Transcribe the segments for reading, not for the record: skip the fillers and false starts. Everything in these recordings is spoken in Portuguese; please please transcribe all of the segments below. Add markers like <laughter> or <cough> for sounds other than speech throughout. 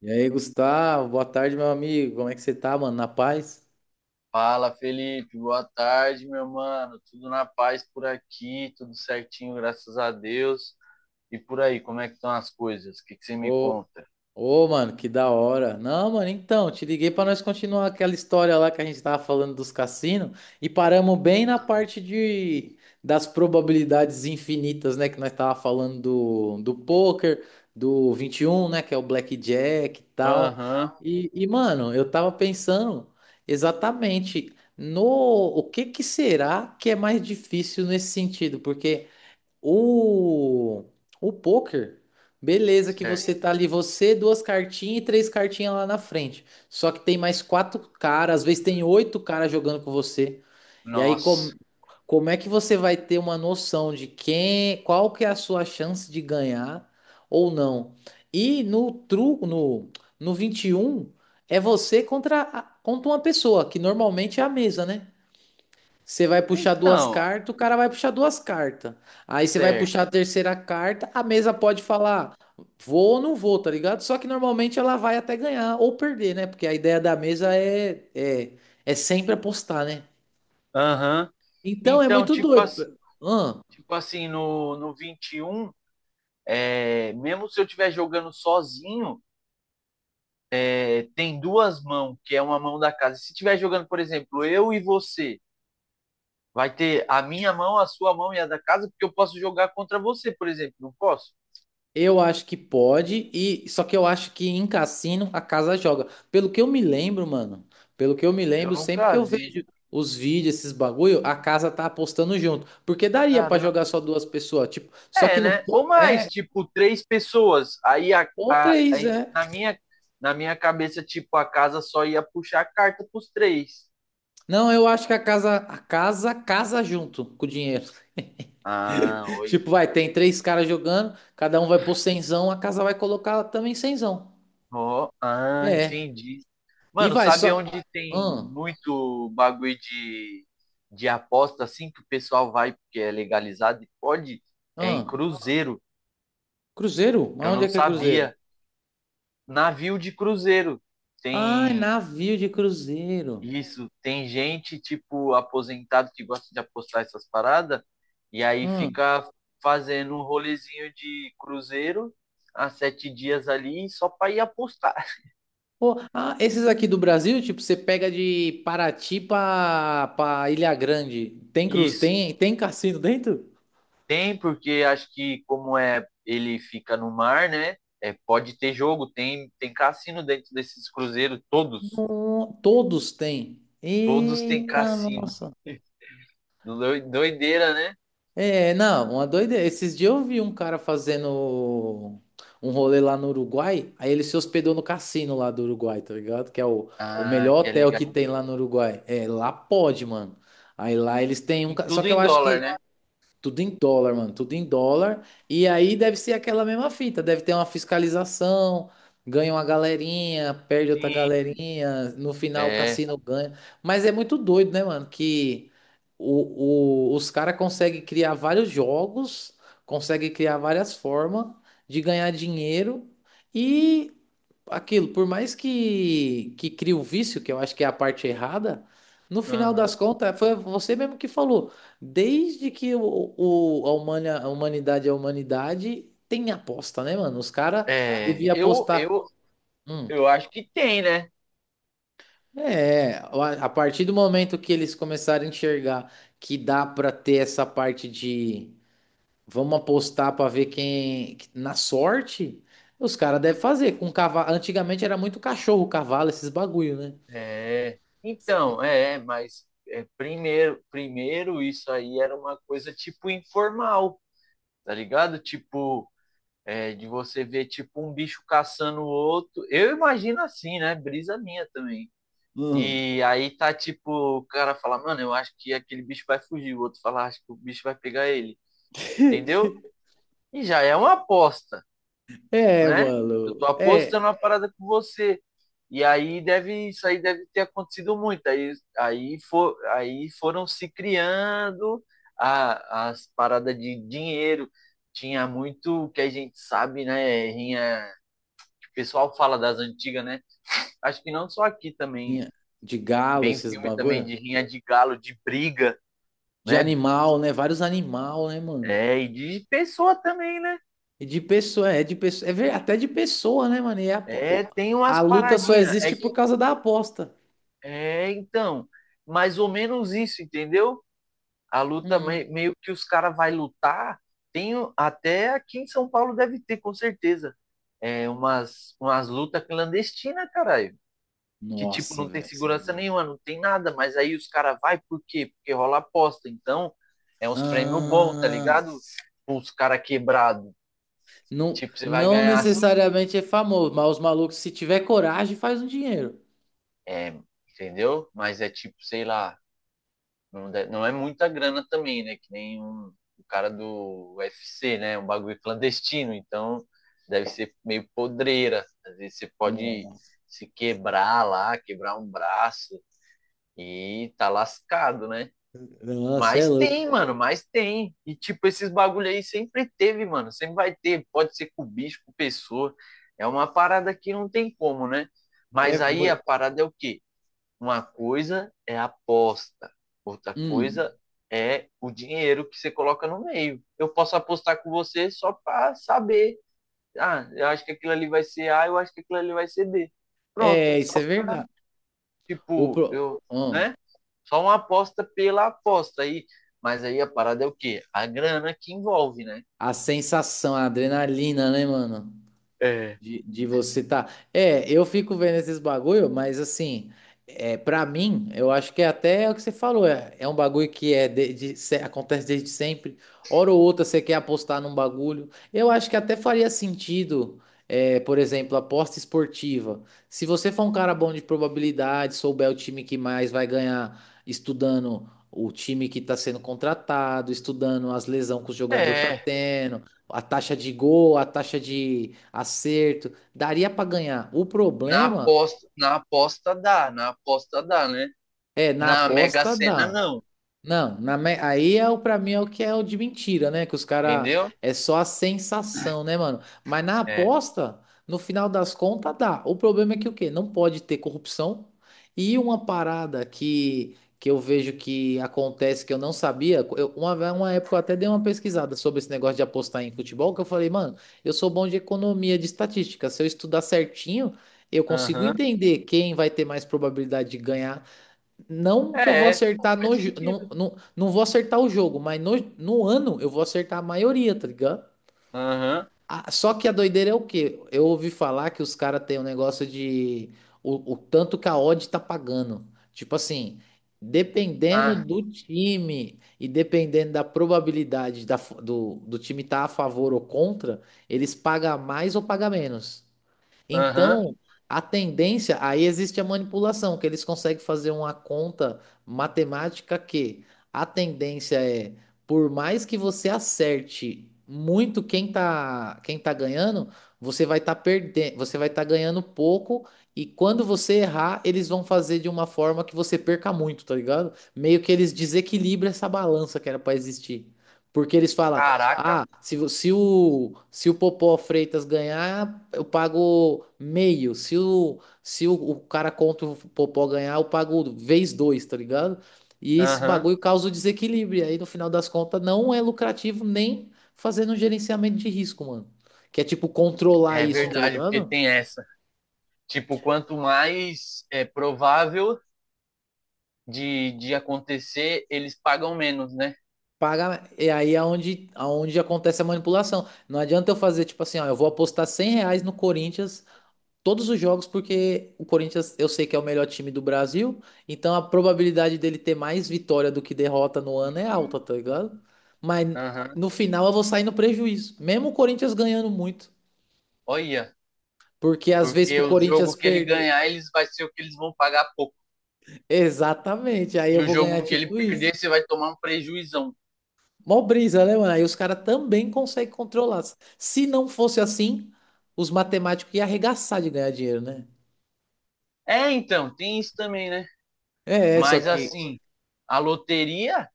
E aí, Gustavo, boa tarde, meu amigo. Como é que você tá, mano? Na paz? Fala, Felipe. Boa tarde, meu mano. Tudo na paz por aqui, tudo certinho, graças a Deus. E por aí, como é que estão as coisas? O que que você me Ô, conta? ô, mano, que da hora. Não, mano, então, te liguei pra nós continuar aquela história lá que a gente tava falando dos cassinos e paramos bem na parte de das probabilidades infinitas, né, que nós tava falando do poker, do 21, né, que é o blackjack e tal. Aham, E, mano, eu tava pensando exatamente no o que que será que é mais difícil nesse sentido, porque O, o poker, beleza, que você certo. tá ali, você, duas cartinhas e três cartinhas lá na frente. Só que tem mais quatro caras, às vezes tem oito caras jogando com você. E aí, Nossa. como é que você vai ter uma noção de quem, qual que é a sua chance de ganhar ou não? E no truco, no 21 é você contra uma pessoa, que normalmente é a mesa, né? Você vai puxar duas Então, cartas, o cara vai puxar duas cartas. Aí você vai puxar a certo. terceira carta, a mesa pode falar vou ou não vou, tá ligado? Só que normalmente ela vai até ganhar ou perder, né? Porque a ideia da mesa é sempre apostar, né? Aham. Então é Então, muito tipo, doido. Ahn? tipo assim, no 21, mesmo se eu estiver jogando sozinho, tem duas mãos, que é uma mão da casa. Se estiver jogando, por exemplo, eu e você. Vai ter a minha mão, a sua mão e a da casa, porque eu posso jogar contra você, por exemplo. Não posso? Eu acho que pode, e só que eu acho que em cassino a casa joga. Pelo que eu me lembro, mano, pelo que eu me Eu lembro, sempre que nunca eu vi. vejo os vídeos, esses bagulho, a casa tá apostando junto. Porque daria pra jogar Caramba. só duas pessoas, tipo, só que É, no né? Ou mais, tipo, três pessoas. Aí ou a- três, é. Na minha, na minha cabeça, tipo, a casa só ia puxar a carta pros três. Não, eu acho que a casa casa junto com o dinheiro. Ah, <laughs> oi. Tipo, vai, tem três caras jogando, cada um vai pôr cenzão, a casa vai colocar também cenzão. Ó, ah, É. entendi. E Mano, vai sabe só. onde tem Hum, muito bagulho de aposta assim que o pessoal vai porque é legalizado e pode? É em hum. cruzeiro. Cruzeiro? Mas Eu onde não é que é Cruzeiro? sabia. Navio de cruzeiro. Ai, Tem navio de cruzeiro. isso, tem gente tipo aposentado que gosta de apostar essas paradas e aí Hum. fica fazendo um rolezinho de cruzeiro há 7 dias ali só para ir apostar. Pô, ah, esses aqui do Brasil, tipo, você pega de Paraty pra Ilha Grande. Tem <laughs> cruz, Isso. tem cassino dentro? Tem, porque acho que como é ele fica no mar, né? É, pode ter jogo, tem cassino dentro desses cruzeiros, todos. No- todos têm. Todos têm Eita, cassino. nossa. Doideira, né? É, não, uma doideira. Esses dias eu vi um cara fazendo um rolê lá no Uruguai, aí ele se hospedou no cassino lá do Uruguai, tá ligado? Que é o Ah, melhor que é hotel que legal. tem lá no Uruguai. É, lá pode, mano. Aí lá eles têm um. E Só tudo que eu em acho dólar, que né? Tudo em dólar, mano, tudo em dólar. E aí deve ser aquela mesma fita, deve ter uma fiscalização, ganha uma galerinha, perde outra Sim. galerinha, no final o É, cassino ganha. Mas é muito doido, né, mano, que os caras conseguem criar vários jogos, conseguem criar várias formas de ganhar dinheiro e aquilo, por mais que crie o vício, que eu acho que é a parte errada, no final aham. das contas, foi você mesmo que falou. Desde que a humanidade é a humanidade, tem aposta, né, mano? Os caras é, deviam eu, apostar. eu, Hum, eu acho que tem, né? é, a partir do momento que eles começarem a enxergar que dá pra ter essa parte de vamos apostar pra ver quem na sorte, os caras devem fazer com cavalo. Antigamente era muito cachorro, cavalo, esses bagulho, né? É, mas primeiro, primeiro isso aí era uma coisa tipo informal, tá ligado? Tipo, de você ver tipo um bicho caçando o outro. Eu imagino assim, né? Brisa minha também. Uhum. E aí tá tipo, o cara fala, mano, eu acho que aquele bicho vai fugir, o outro fala, acho que o bicho vai pegar ele, entendeu? <laughs> E já é uma aposta, É, né? mano. Eu tô É, apostando uma parada com você. E aí deve, isso aí deve ter acontecido muito. Aí foram se criando as paradas de dinheiro. Tinha muito o que a gente sabe, né? Rinha, que o pessoal fala das antigas, né? Acho que não só aqui também. tinha de galo, Bem esses filme também bagulho. de rinha de galo, de briga, De né? animal, né? Vários animal, né, mano? É, e de pessoa também, né? E de pessoa, é até de pessoa, né, mano? E É, tem a umas luta só paradinhas. Existe por causa da aposta. é, então, Mais ou menos isso, entendeu? A luta, Hum. meio que os caras vai lutar, tem até aqui em São Paulo deve ter, com certeza. É umas, umas lutas clandestinas, caralho. Que, tipo, Nossa, não tem velho, você é segurança louco. nenhuma, não tem nada, mas aí os caras vai por quê? Porque rola aposta. Então, é uns prêmios bons, tá Ah, ligado? Os caras quebrados. não, Tipo, você vai não ganhar assim, necessariamente é famoso, mas os malucos, se tiver coragem, faz um dinheiro. é, entendeu? Mas é tipo, sei lá, não é muita grana também, né? Que nem um, o cara do UFC, né? Um bagulho clandestino. Então, deve ser meio podreira. Às vezes você pode Nossa, se quebrar lá, quebrar um braço e tá lascado, né? nossa, é Mas louco. tem, mano, mas tem. E, tipo, esses bagulho aí sempre teve, mano. Sempre vai ter. Pode ser com bicho, com pessoa. É uma parada que não tem como, né? É, Mas aí a mu- parada é o quê? Uma coisa é a aposta, outra hum, coisa é o dinheiro que você coloca no meio. Eu posso apostar com você só para saber. Ah, eu acho que aquilo ali vai ser A, eu acho que aquilo ali vai ser B. Pronto, é, é só isso é verdade. O, tipo, pro- eu, hum, né? Só uma aposta pela aposta aí. Mas aí a parada é o quê? A grana que envolve, né? a sensação, a adrenalina, né, mano? É. De você tá. É, eu fico vendo esses bagulho, mas assim, é, para mim, eu acho que é até o que você falou, é um bagulho que é de, acontece desde sempre. Hora ou outra você quer apostar num bagulho. Eu acho que até faria sentido, é, por exemplo, aposta esportiva. Se você for um cara bom de probabilidade, souber o time que mais vai ganhar, estudando o time que está sendo contratado, estudando as lesões que o jogador tá É, tendo a taxa de gol, a taxa de acerto, daria para ganhar. O na problema aposta, na aposta dá, né? é na Na Mega aposta Sena dá. não, Não, aí é o para mim é o que é o de mentira, né? Que os cara entendeu? é só a sensação, né, mano? Mas na É. aposta, no final das contas dá. O problema é que o quê? Não pode ter corrupção. E uma parada que eu vejo que acontece que eu não sabia, uma época eu até dei uma pesquisada sobre esse negócio de apostar em futebol, que eu falei, mano, eu sou bom de economia, de estatística, se eu estudar certinho, eu consigo Aham. entender quem vai ter mais probabilidade de ganhar não que eu vou É, é, acertar faz sentido. Não vou acertar o jogo, mas no ano eu vou acertar a maioria, tá ligado? Aham. Ah, só que a doideira é o quê? Eu ouvi falar que os caras têm um negócio de o tanto que a odd tá pagando. Tipo assim, dependendo Ah, do time e dependendo da probabilidade do time estar tá a favor ou contra, eles pagam mais ou pagam menos. aham. Então, a tendência, aí existe a manipulação, que eles conseguem fazer uma conta matemática que a tendência é, por mais que você acerte muito quem tá ganhando, você vai estar perdendo, você vai estar ganhando pouco e quando você errar, eles vão fazer de uma forma que você perca muito, tá ligado? Meio que eles desequilibram essa balança que era para existir. Porque eles falam, Caraca. ah, se o Popó Freitas ganhar, eu pago meio. Se o cara contra o Popó ganhar, eu pago 2, tá ligado? E esse Aham. bagulho causa o desequilíbrio. E aí, no final das contas, não é lucrativo nem fazendo um gerenciamento de risco, mano. Que é tipo controlar É isso, tá verdade, porque ligado? tem essa. Tipo, quanto mais é provável de acontecer, eles pagam menos, né? Paga, e aí é onde, aonde acontece a manipulação. Não adianta eu fazer tipo assim, ó, eu vou apostar 100 reais no Corinthians todos os jogos, porque o Corinthians eu sei que é o melhor time do Brasil, então a probabilidade dele ter mais vitória do que derrota no ano é alta, tá ligado? Mas Aham. no final eu vou sair no prejuízo, mesmo o Corinthians ganhando muito, Olha, porque às vezes que porque o o Corinthians jogo que ele perder, ganhar, eles vai ser o que eles vão pagar pouco. <laughs> exatamente, aí E eu o vou ganhar jogo que ele tipo isso. perder, você vai tomar um prejuizão. Mó brisa, né, mano? Aí os caras também conseguem controlar. Se não fosse assim, os matemáticos iam arregaçar de ganhar dinheiro, né? É, então, tem isso também, né? É, só Mas que. assim, a loteria,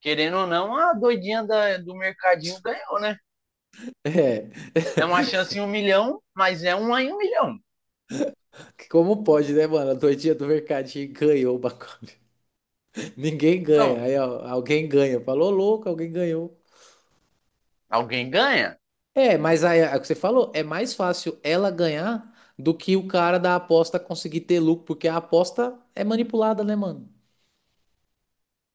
querendo ou não, do mercadinho ganhou, né? É, É uma chance em um milhão, mas é uma em um milhão. como pode, né, mano? A doidinha do mercadinho ganhou o bagulho. <laughs> Ninguém Então, ganha. Aí, ó, alguém ganha. Falou louco, alguém ganhou. alguém ganha? É, mas aí, é o que você falou, é mais fácil ela ganhar do que o cara da aposta conseguir ter lucro, porque a aposta é manipulada, né, mano?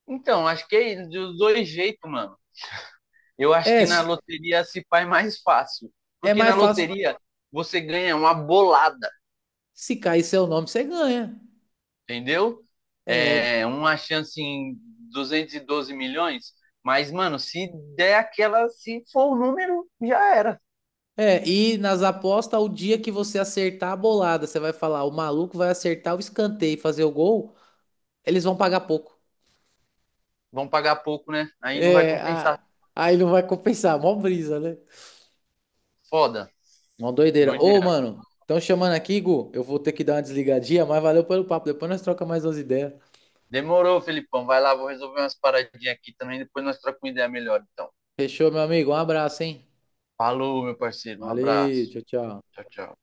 Então, acho que é dos dois jeitos, mano. Eu acho É, que na s- loteria se faz mais fácil. é Porque na mais fácil loteria você ganha uma bolada, se cair seu nome, você ganha. entendeu? É, É uma chance em 212 milhões. Mas, mano, se der aquela, se for o número, já era. é, e nas apostas, o dia que você acertar a bolada, você vai falar, o maluco vai acertar o escanteio e fazer o gol, eles vão pagar pouco. Vão pagar pouco, né? Aí não vai É, a- compensar. aí não vai compensar, mó brisa, né? Foda. Mó doideira. Ô, Doideira. mano, estão chamando aqui, Gu. Eu vou ter que dar uma desligadinha, mas valeu pelo papo. Depois nós troca mais umas ideias. Demorou, Felipão. Vai lá, vou resolver umas paradinhas aqui também. Depois nós trocamos uma ideia melhor, então. Fechou, meu amigo? Um abraço, hein? Falou, meu parceiro. Um Valeu, abraço. tchau, tchau. Tchau, tchau.